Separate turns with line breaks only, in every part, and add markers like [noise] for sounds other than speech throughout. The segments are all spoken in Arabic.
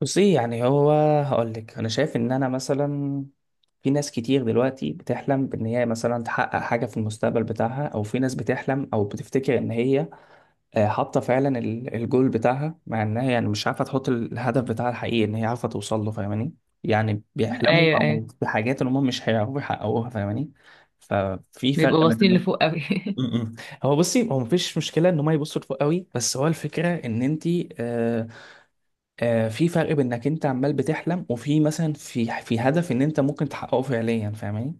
بصي يعني هو هقول لك انا شايف ان انا مثلا في ناس كتير دلوقتي بتحلم بان هي مثلا تحقق حاجه في المستقبل بتاعها او في ناس بتحلم او بتفتكر ان هي حاطه فعلا الجول بتاعها مع انها يعني مش عارفه تحط الهدف بتاعها الحقيقي ان هي عارفه توصل له فاهماني، يعني بيحلموا
ايوه ايوه،
او بحاجات ان هم مش هيعرفوا يحققوها فاهماني. ففي فرق
بيبقوا
بين
باصين
إنه-
لفوق قوي.
م- م. هو بصي هو مفيش مشكله ان هم يبصوا لفوق قوي، بس هو الفكره ان انت آه، في فرق بين انك انت عمال بتحلم وفي مثلا في هدف ان انت ممكن تحققه فعليا فاهماني.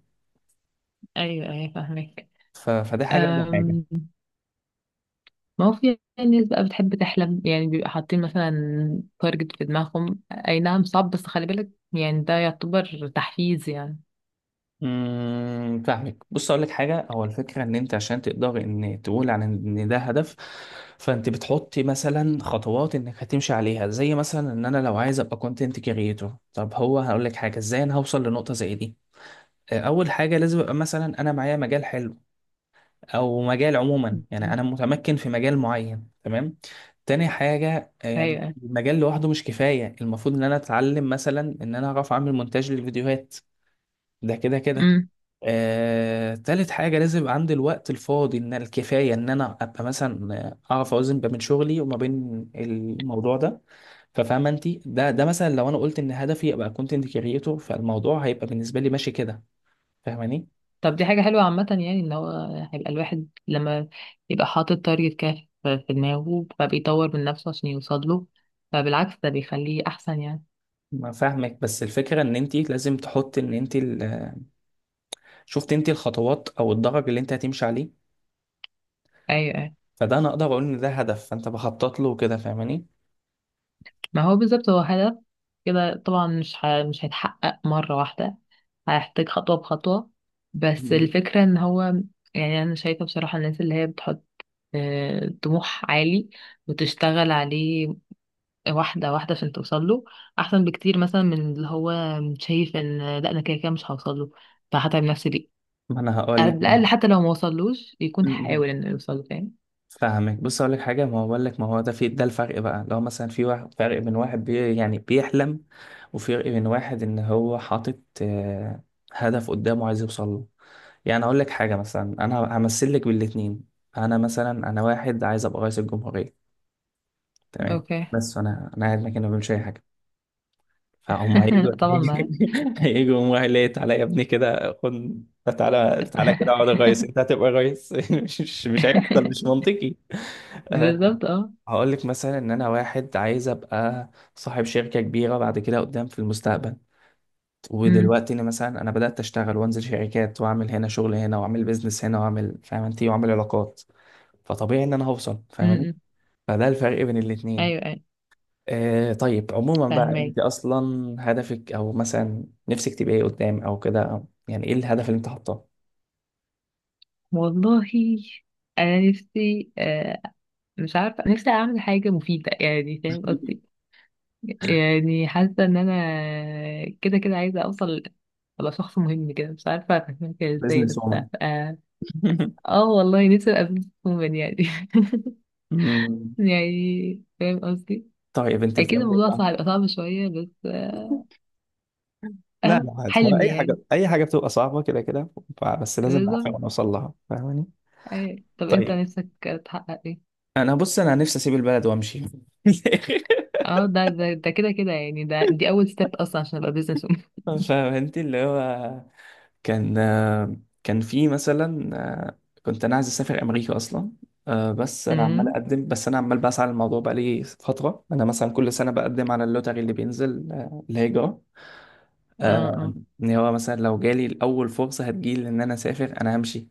[laughs] ايوه ايوه فاهمك.
فده حاجه وده حاجه.
أم، ما هو في ناس بقى بتحب تحلم، يعني بيبقى حاطين مثلا تارجت في دماغهم، اي نعم صعب بس خلي بالك، يعني ده يعتبر تحفيز يعني.
فاهمك، بص اقول لك حاجه، هو الفكره ان انت عشان تقدر ان تقول عن ان ده هدف فانت بتحط مثلا خطوات انك هتمشي عليها، زي مثلا ان انا لو عايز ابقى كونتنت كريتور. طب هو هقول لك حاجه، ازاي انا هوصل لنقطه زي دي؟ اول حاجه لازم ابقى مثلا انا معايا مجال حلو، او مجال عموما يعني
أمم،
انا متمكن في مجال معين، تمام؟ تاني حاجة، يعني
ايوه
المجال لوحده مش كفاية، المفروض ان انا اتعلم مثلا ان انا اعرف اعمل مونتاج للفيديوهات، ده كده كده.
امم.
تالت حاجة لازم يبقى عندي الوقت الفاضي ان الكفاية، ان انا ابقى مثلا اعرف اوزن بين شغلي وما بين الموضوع ده. ففاهمة انت؟ ده مثلا لو انا قلت ان هدفي ابقى كونتنت كريتور فالموضوع هيبقى بالنسبة لي ماشي كده، فاهماني.
طب دي حاجة حلوة عامة، يعني ان هو هيبقى الواحد لما يبقى حاطط تارجت كده في دماغه، فبيطور من نفسه عشان يوصل له، فبالعكس ده بيخليه احسن يعني.
ما فاهمك، بس الفكرة ان انت لازم تحط ان انت شفت انت الخطوات او الدرج اللي انت هتمشي عليه.
ايوه أيوة.
فده انا اقدر اقول ان ده هدف، فانت بخطط له كده، فاهماني.
ما هو بالظبط هو هدف، كده طبعا مش هيتحقق مرة واحدة، هيحتاج خطوة بخطوة، بس
مم.
الفكرة ان هو يعني انا شايفة بصراحة الناس اللي هي بتحط طموح عالي وتشتغل عليه واحدة واحدة عشان توصل له، احسن بكتير مثلا من اللي هو شايف ان لا انا كده كده مش هوصل له، فهتعب نفسي ليه؟
ما انا هقول
على
لك
الاقل
برضه.
حتى لو ما وصلوش يكون
مم.
حاول انه يوصل له، فاهم؟
فاهمك، بص اقول لك حاجه، ما هو بقول لك ما هو ده ده الفرق بقى، لو مثلا في واحد، فرق بين واحد يعني بيحلم وفرق بين واحد ان هو حاطط هدف قدامه عايز يوصل له. يعني اقول لك حاجه، مثلا انا همثل لك بالاتنين. انا مثلا انا واحد عايز ابقى رئيس الجمهوريه، تمام،
اوكي.
بس انا قاعد مكاني ما بعملش اي حاجه، فهم هيجوا
[laughs] طبعا معاك.
[laughs] هيجوا هم قال لي تعالى يا ابني كده خد، تعالى تعالى كده اقعد غيص انت هتبقى غيص؟ [laughs] مش هيحصل، مش
[laughs]
منطقي. أه،
بالظبط اه.
هقول لك مثلا ان انا واحد عايز ابقى صاحب شركه كبيره بعد كده قدام في المستقبل،
أمم.
ودلوقتي انا مثلا انا بدات اشتغل وانزل شركات واعمل هنا شغل هنا واعمل بيزنس هنا واعمل فاهم انت واعمل علاقات، فطبيعي ان انا هوصل، فاهماني.
امم.
فده الفرق بين
ايوه
الاتنين.
ايوه
آه، طيب عموما بقى
فاهمك.
انت اصلا هدفك او مثلا نفسك تبقى ايه قدام او كده، أو يعني ايه الهدف اللي انت حاطاه؟
والله انا نفسي مش عارفه نفسي اعمل حاجه مفيده، يعني فاهم قصدي، يعني حاسه ان انا كده كده عايزه اوصل، ابقى شخص مهم كده، مش عارفه افهمها كده ازاي
بزنس
بس.
وومن؟
اه،
[laughs]
آه والله نفسي ابقى بزنس وومن يعني. [laughs]
مم.
يعني فاهم قصدي.
طيب انت
اكيد
بتعملي ايه
الموضوع
بقى؟
صعب، صعب شويه بس
لا
اهو
لا عادي، ما
حلمي
اي حاجه،
يعني.
اي حاجه بتبقى صعبه كده كده. بس لازم نعرفها
بالظبط.
ونوصل لها، فاهماني؟
أيوة. طب انت
طيب
نفسك تحقق ايه؟
انا، بص انا نفسي اسيب البلد وامشي.
اه ده ده ده كده كده، يعني ده دي اول ستيب اصلا عشان ابقى بزنس وومن.
[laughs] فاهم انت، اللي هو كان كان في مثلا آه، كنت انا عايز اسافر امريكا اصلا. بس انا عمال
امم.
اقدم، بس انا عمال بسعى للموضوع بقالي فتره، انا مثلا كل سنه بقدم على اللوتري اللي بينزل، الهجره.
اه
آه،
اه.
ان هو مثلا لو جالي الاول فرصه هتجيلي ان انا اسافر انا همشي.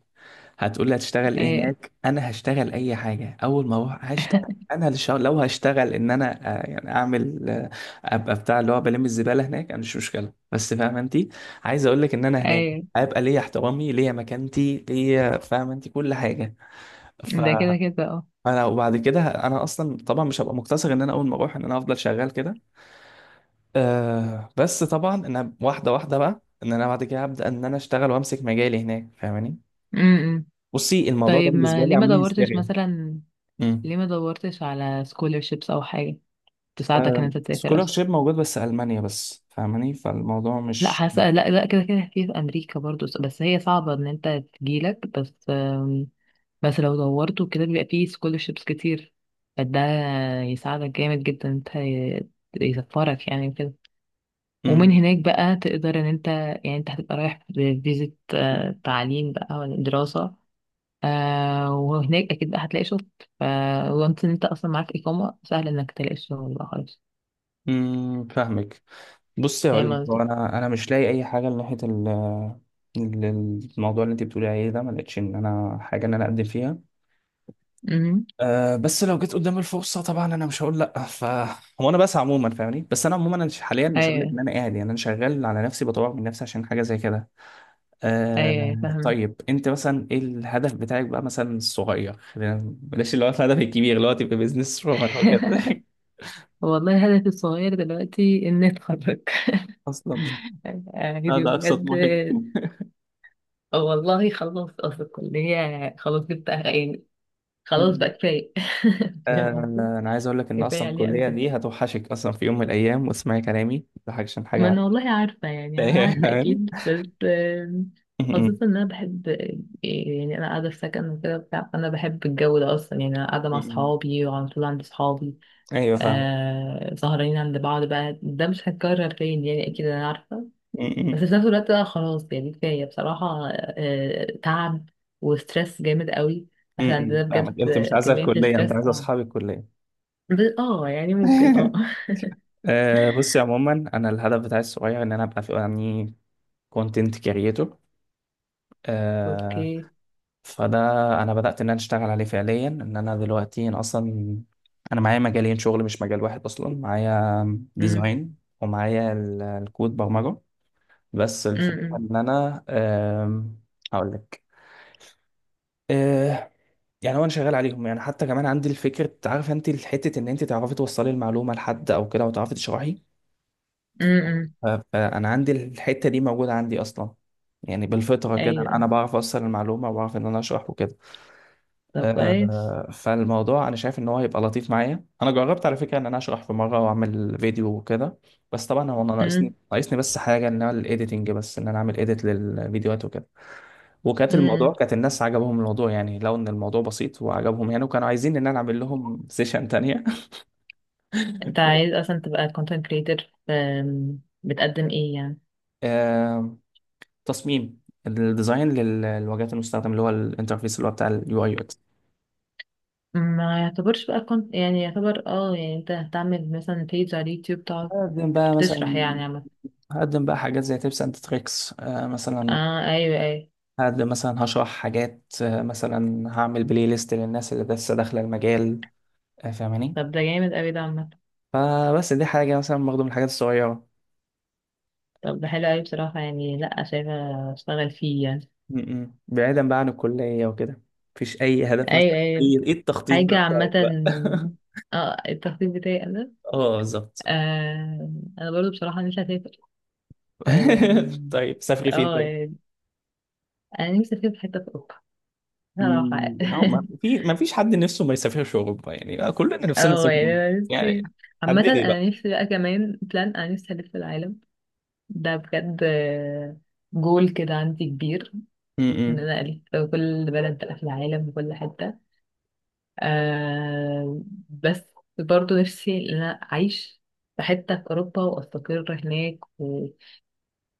هتقول لي هتشتغل ايه
ايه
هناك؟ انا هشتغل اي حاجه، اول ما اروح هشتغل. انا لو هشتغل ان انا يعني اعمل ابقى بتاع اللي هو بلم الزباله هناك، انا مش مشكله، بس فاهم انت، عايز اقول لك ان انا هناك
ايه
هيبقى ليا احترامي، ليا مكانتي ليا، فاهم انت، كل حاجه. ف
ده كده كده اه.
فانا وبعد كده انا اصلا طبعا مش هبقى مقتصر ان انا اول ما اروح ان انا افضل شغال كده، أه، بس طبعا انا واحده واحده بقى ان انا بعد كده هبدا ان انا اشتغل وامسك مجالي هناك، فاهماني.
امم.
بصي الموضوع ده
طيب
بالنسبه
ما
لي
ليه ما
عامل لي
دورتش
هستيريا.
مثلا،
امم
ليه ما دورتش على scholarships او حاجه تساعدك ان
آه
انت تسافر اصلا؟
سكولارشيب موجود بس ألمانيا بس، فاهماني، فالموضوع
لا
مش...
حاسه لا لا كده كده في في امريكا برضو، بس هي صعبه ان انت تجيلك بس بس لو دورت وكده بيبقى فيه scholarships كتير، فده يساعدك جامد جدا إن انت يسفرك يعني كده. ومن
امم
هناك بقى تقدر ان انت، يعني انت هتبقى رايح بفيزة تعليم بقى ولا دراسة، آه وهناك اكيد بقى هتلاقي شغل، ف وانت ان انت اصلا معاك اقامة سهل انك تلاقي شغل بقى خالص.
فاهمك. بصي هقول
فاهم
لك، هو
قصدي؟
انا مش لاقي اي حاجه ناحيه ال- الموضوع اللي انت بتقولي عليه ده، ما لقيتش ان انا حاجه ان انا اقدم فيها.
أمم.
أه بس لو جيت قدام الفرصه طبعا انا مش هقول لا. ف هو انا بس عموما فاهمني، بس انا عموما أنا حاليا مش هقول لك
ايوه
ان انا قاعد، يعني انا شغال على نفسي بطور من نفسي عشان حاجه زي كده.
ايوه أيوة،
آه،
فاهمة.
طيب انت مثلا ايه الهدف بتاعك بقى، مثلا الصغير، بلاش اللي هو الهدف الكبير اللي هو تبقى بيزنس رومان او كده.
[laughs]
[laughs]
والله هدفي الصغير دلوقتي اني اتخرج.
اصلا؟
[laughs] يعني
ده ده اقصى
بجد.
طموحك؟ مم.
والله خلاص اصل الكلية خلاص جبت يعني، خلاص بقى
[laughs]
كفاية. [laughs] فاهم
آه،
قصدي؟
انا عايز اقول لك ان
كفاية
اصلا
عليها قوي
الكليه
كده.
دي هتوحشك اصلا في يوم من الايام، واسمعي كلامي ده حاجه عشان
ما
حاجه.
انا والله عارفة، يعني انا
[laughs]
عارفة
يعني
اكيد بس
مم.
خاصة ان انا بحب، يعني انا قاعدة في سكن وكده بتاع، فانا بحب الجو ده اصلا، يعني انا قاعدة مع
مم.
صحابي وعلى طول عند صحابي.
ايوه فاهم.
آه سهرانين عند بعض بقى، ده مش هيتكرر تاني يعني، اكيد انا عارفة،
[laughs]
بس في
مم.
نفس الوقت بقى خلاص يعني كفاية بصراحة، آه تعب وستريس جامد قوي. احنا عندنا
مم. فاهمك،
بجد
انت مش عايزه
كمية
الكليه، انت
الستريس
عايزه اصحاب الكليه.
اه، يعني ممكن اه.
[laughs] آه، بصي عموما انا الهدف بتاعي الصغير ان انا ابقى في يعني كونتنت كريتور.
[laughs]
آه،
اوكي.
فده انا بدأت ان انا اشتغل عليه فعليا، ان انا دلوقتي أنا اصلا انا معايا مجالين شغل مش مجال واحد، اصلا معايا
امم.
ديزاين ومعايا الكود برمجة. بس الفكرة
امم.
ان انا، هقول لك، آه يعني هو انا شغال عليهم، يعني حتى كمان عندي الفكرة، عارف انت الحتة ان انت تعرفي توصلي المعلومة لحد او كده وتعرفي تشرحي.
امم.
ف- فانا عندي الحتة دي موجودة عندي اصلا، يعني بالفطرة كده انا
ايوه.
بعرف اوصل المعلومة وبعرف ان انا اشرح وكده.
طب كويس.
فالموضوع انا شايف ان هو هيبقى لطيف معايا، انا جربت على فكره ان انا اشرح في مره واعمل فيديو وكده، بس طبعا هو انا ناقصني
امم.
ناقصني بس حاجه، ان انا الايديتنج، بس ان انا اعمل ايديت للفيديوهات وكده. وكانت الموضوع
امم.
كانت الناس عجبهم الموضوع، يعني لو ان الموضوع بسيط وعجبهم يعني، وكانوا عايزين ان انا اعمل لهم سيشن تانية.
انت عايز
[laughs]
اصلا تبقى content creator؟ بتقدم ايه يعني؟
آه، تصميم، الديزاين للواجهات المستخدم اللي هو الانترفيس اللي هو بتاع اليو اي يو اكس.
ما يعتبرش بقى كنت يعني، يعتبر اه يعني انت هتعمل مثلا بيج على اليوتيوب تقعد
هقدم بقى
تشرح
مثلا،
يعني عامة؟
هقدم بقى حاجات زي تيبس اند تريكس مثلا،
اه ايوه ايوه.
هاد مثلا هشرح حاجات، مثلا هعمل بلاي ليست للناس اللي لسه داخله المجال، فاهماني.
طب ده جامد اوي ده عامة.
فبس دي حاجه مثلا برضه من الحاجات الصغيره.
طب ده حلو اوي بصراحة، يعني لأ شايفة اشتغل فيه يعني.
م- م. بعيدا بقى عن الكليه وكده مفيش اي هدف مثلا؟
ايوه ايوه.
اي ايه التخطيط
حاجة
بقى
عامة
بتاعك بقى؟ [laughs]
اه، التخطيط بتاعي انا،
اه بالظبط.
آه انا برضو بصراحة نفسي اسافر. اه
[laughs] طيب سافري فين طيب؟
يعني انا نفسي اسافر في حتة في اوروبا صراحة.
مم، أو ما في ما فيش حد نفسه ما يسافرش اوروبا، يعني بقى كلنا
[laughs]
نفسنا
اه
نسافر
يعني انا
يعني،
نفسي، عامة
حددي بقى.
انا نفسي بقى كمان بلان، انا نفسي الف العالم ده بجد، جول كده عندي كبير
م-
ان
م.
انا الف كل بلد بقى في العالم وكل حتة. آه بس برضو نفسي ان انا اعيش في حتة في اوروبا واستقر هناك و-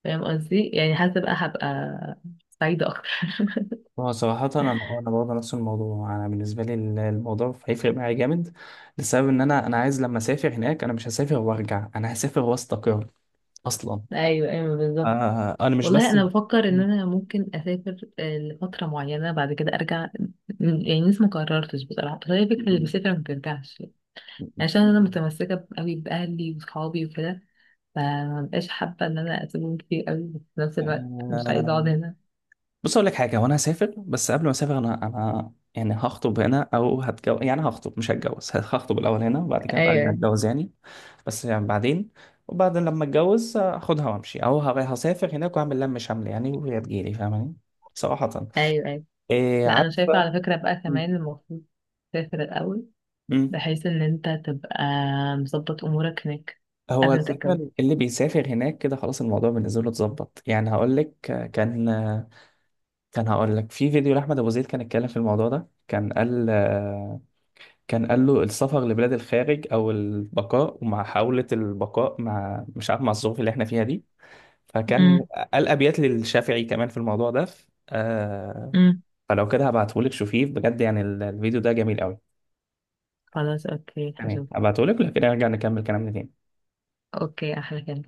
فاهم قصدي، يعني حاسة بقى هبقى سعيدة اكتر. [laughs]
هو صراحة أنا برضه نفس الموضوع، أنا بالنسبة لي الموضوع هيفرق معايا جامد، لسبب إن أنا عايز لما أسافر هناك أنا مش هسافر وأرجع، أنا هسافر وأستقر أصلا.
ايوه ايوه بالظبط.
آه أنا مش
والله
بس...
انا بفكر ان انا ممكن اسافر لفتره معينه بعد كده ارجع. يعني لسه ما قررتش بصراحه، بس هي فكره اللي بيسافر ما بترجعش، عشان انا متمسكه قوي باهلي وصحابي وكده، فما بقاش حابه ان انا اسيبهم كتير قوي، بس في نفس الوقت مش عايزه
آه
اقعد هنا.
بص اقول لك حاجه، وانا هسافر بس قبل ما اسافر انا، يعني هخطب هنا او هتجوز، يعني هخطب مش هتجوز، هخطب الاول هنا وبعد كده ابقى ارجع
ايوه
اتجوز يعني، بس يعني بعدين، وبعدين لما اتجوز هاخدها وامشي، او هسافر هناك واعمل لم شمل يعني وهي تجيلي، فاهماني، صراحه،
ايوه ايوه.
إيه
لا انا شايفه
عارفه.
على فكره بقى
م-
كمان المفروض تسافر الاول،
م.
بحيث ان انت تبقى مظبط امورك هناك
هو
قبل ما تتجوز.
الفكره، اللي بيسافر هناك كده خلاص الموضوع بالنسبه له اتظبط، يعني هقول لك، كان كان هقول لك في فيديو لاحمد ابو زيد كان اتكلم في الموضوع ده، كان قال له السفر لبلاد الخارج او البقاء، ومع محاوله البقاء مع مش عارف مع الظروف اللي احنا فيها دي، فكان
امم.
قال ابيات للشافعي كمان في الموضوع ده،
امم.
فلو كده هبعتهولك شوفيه بجد، يعني الفيديو ده جميل قوي.
خلاص اوكي
تمام
هشوف.
هبعتهولك لو كده، نرجع نكمل كلامنا تاني.
اوكي احلى كلام.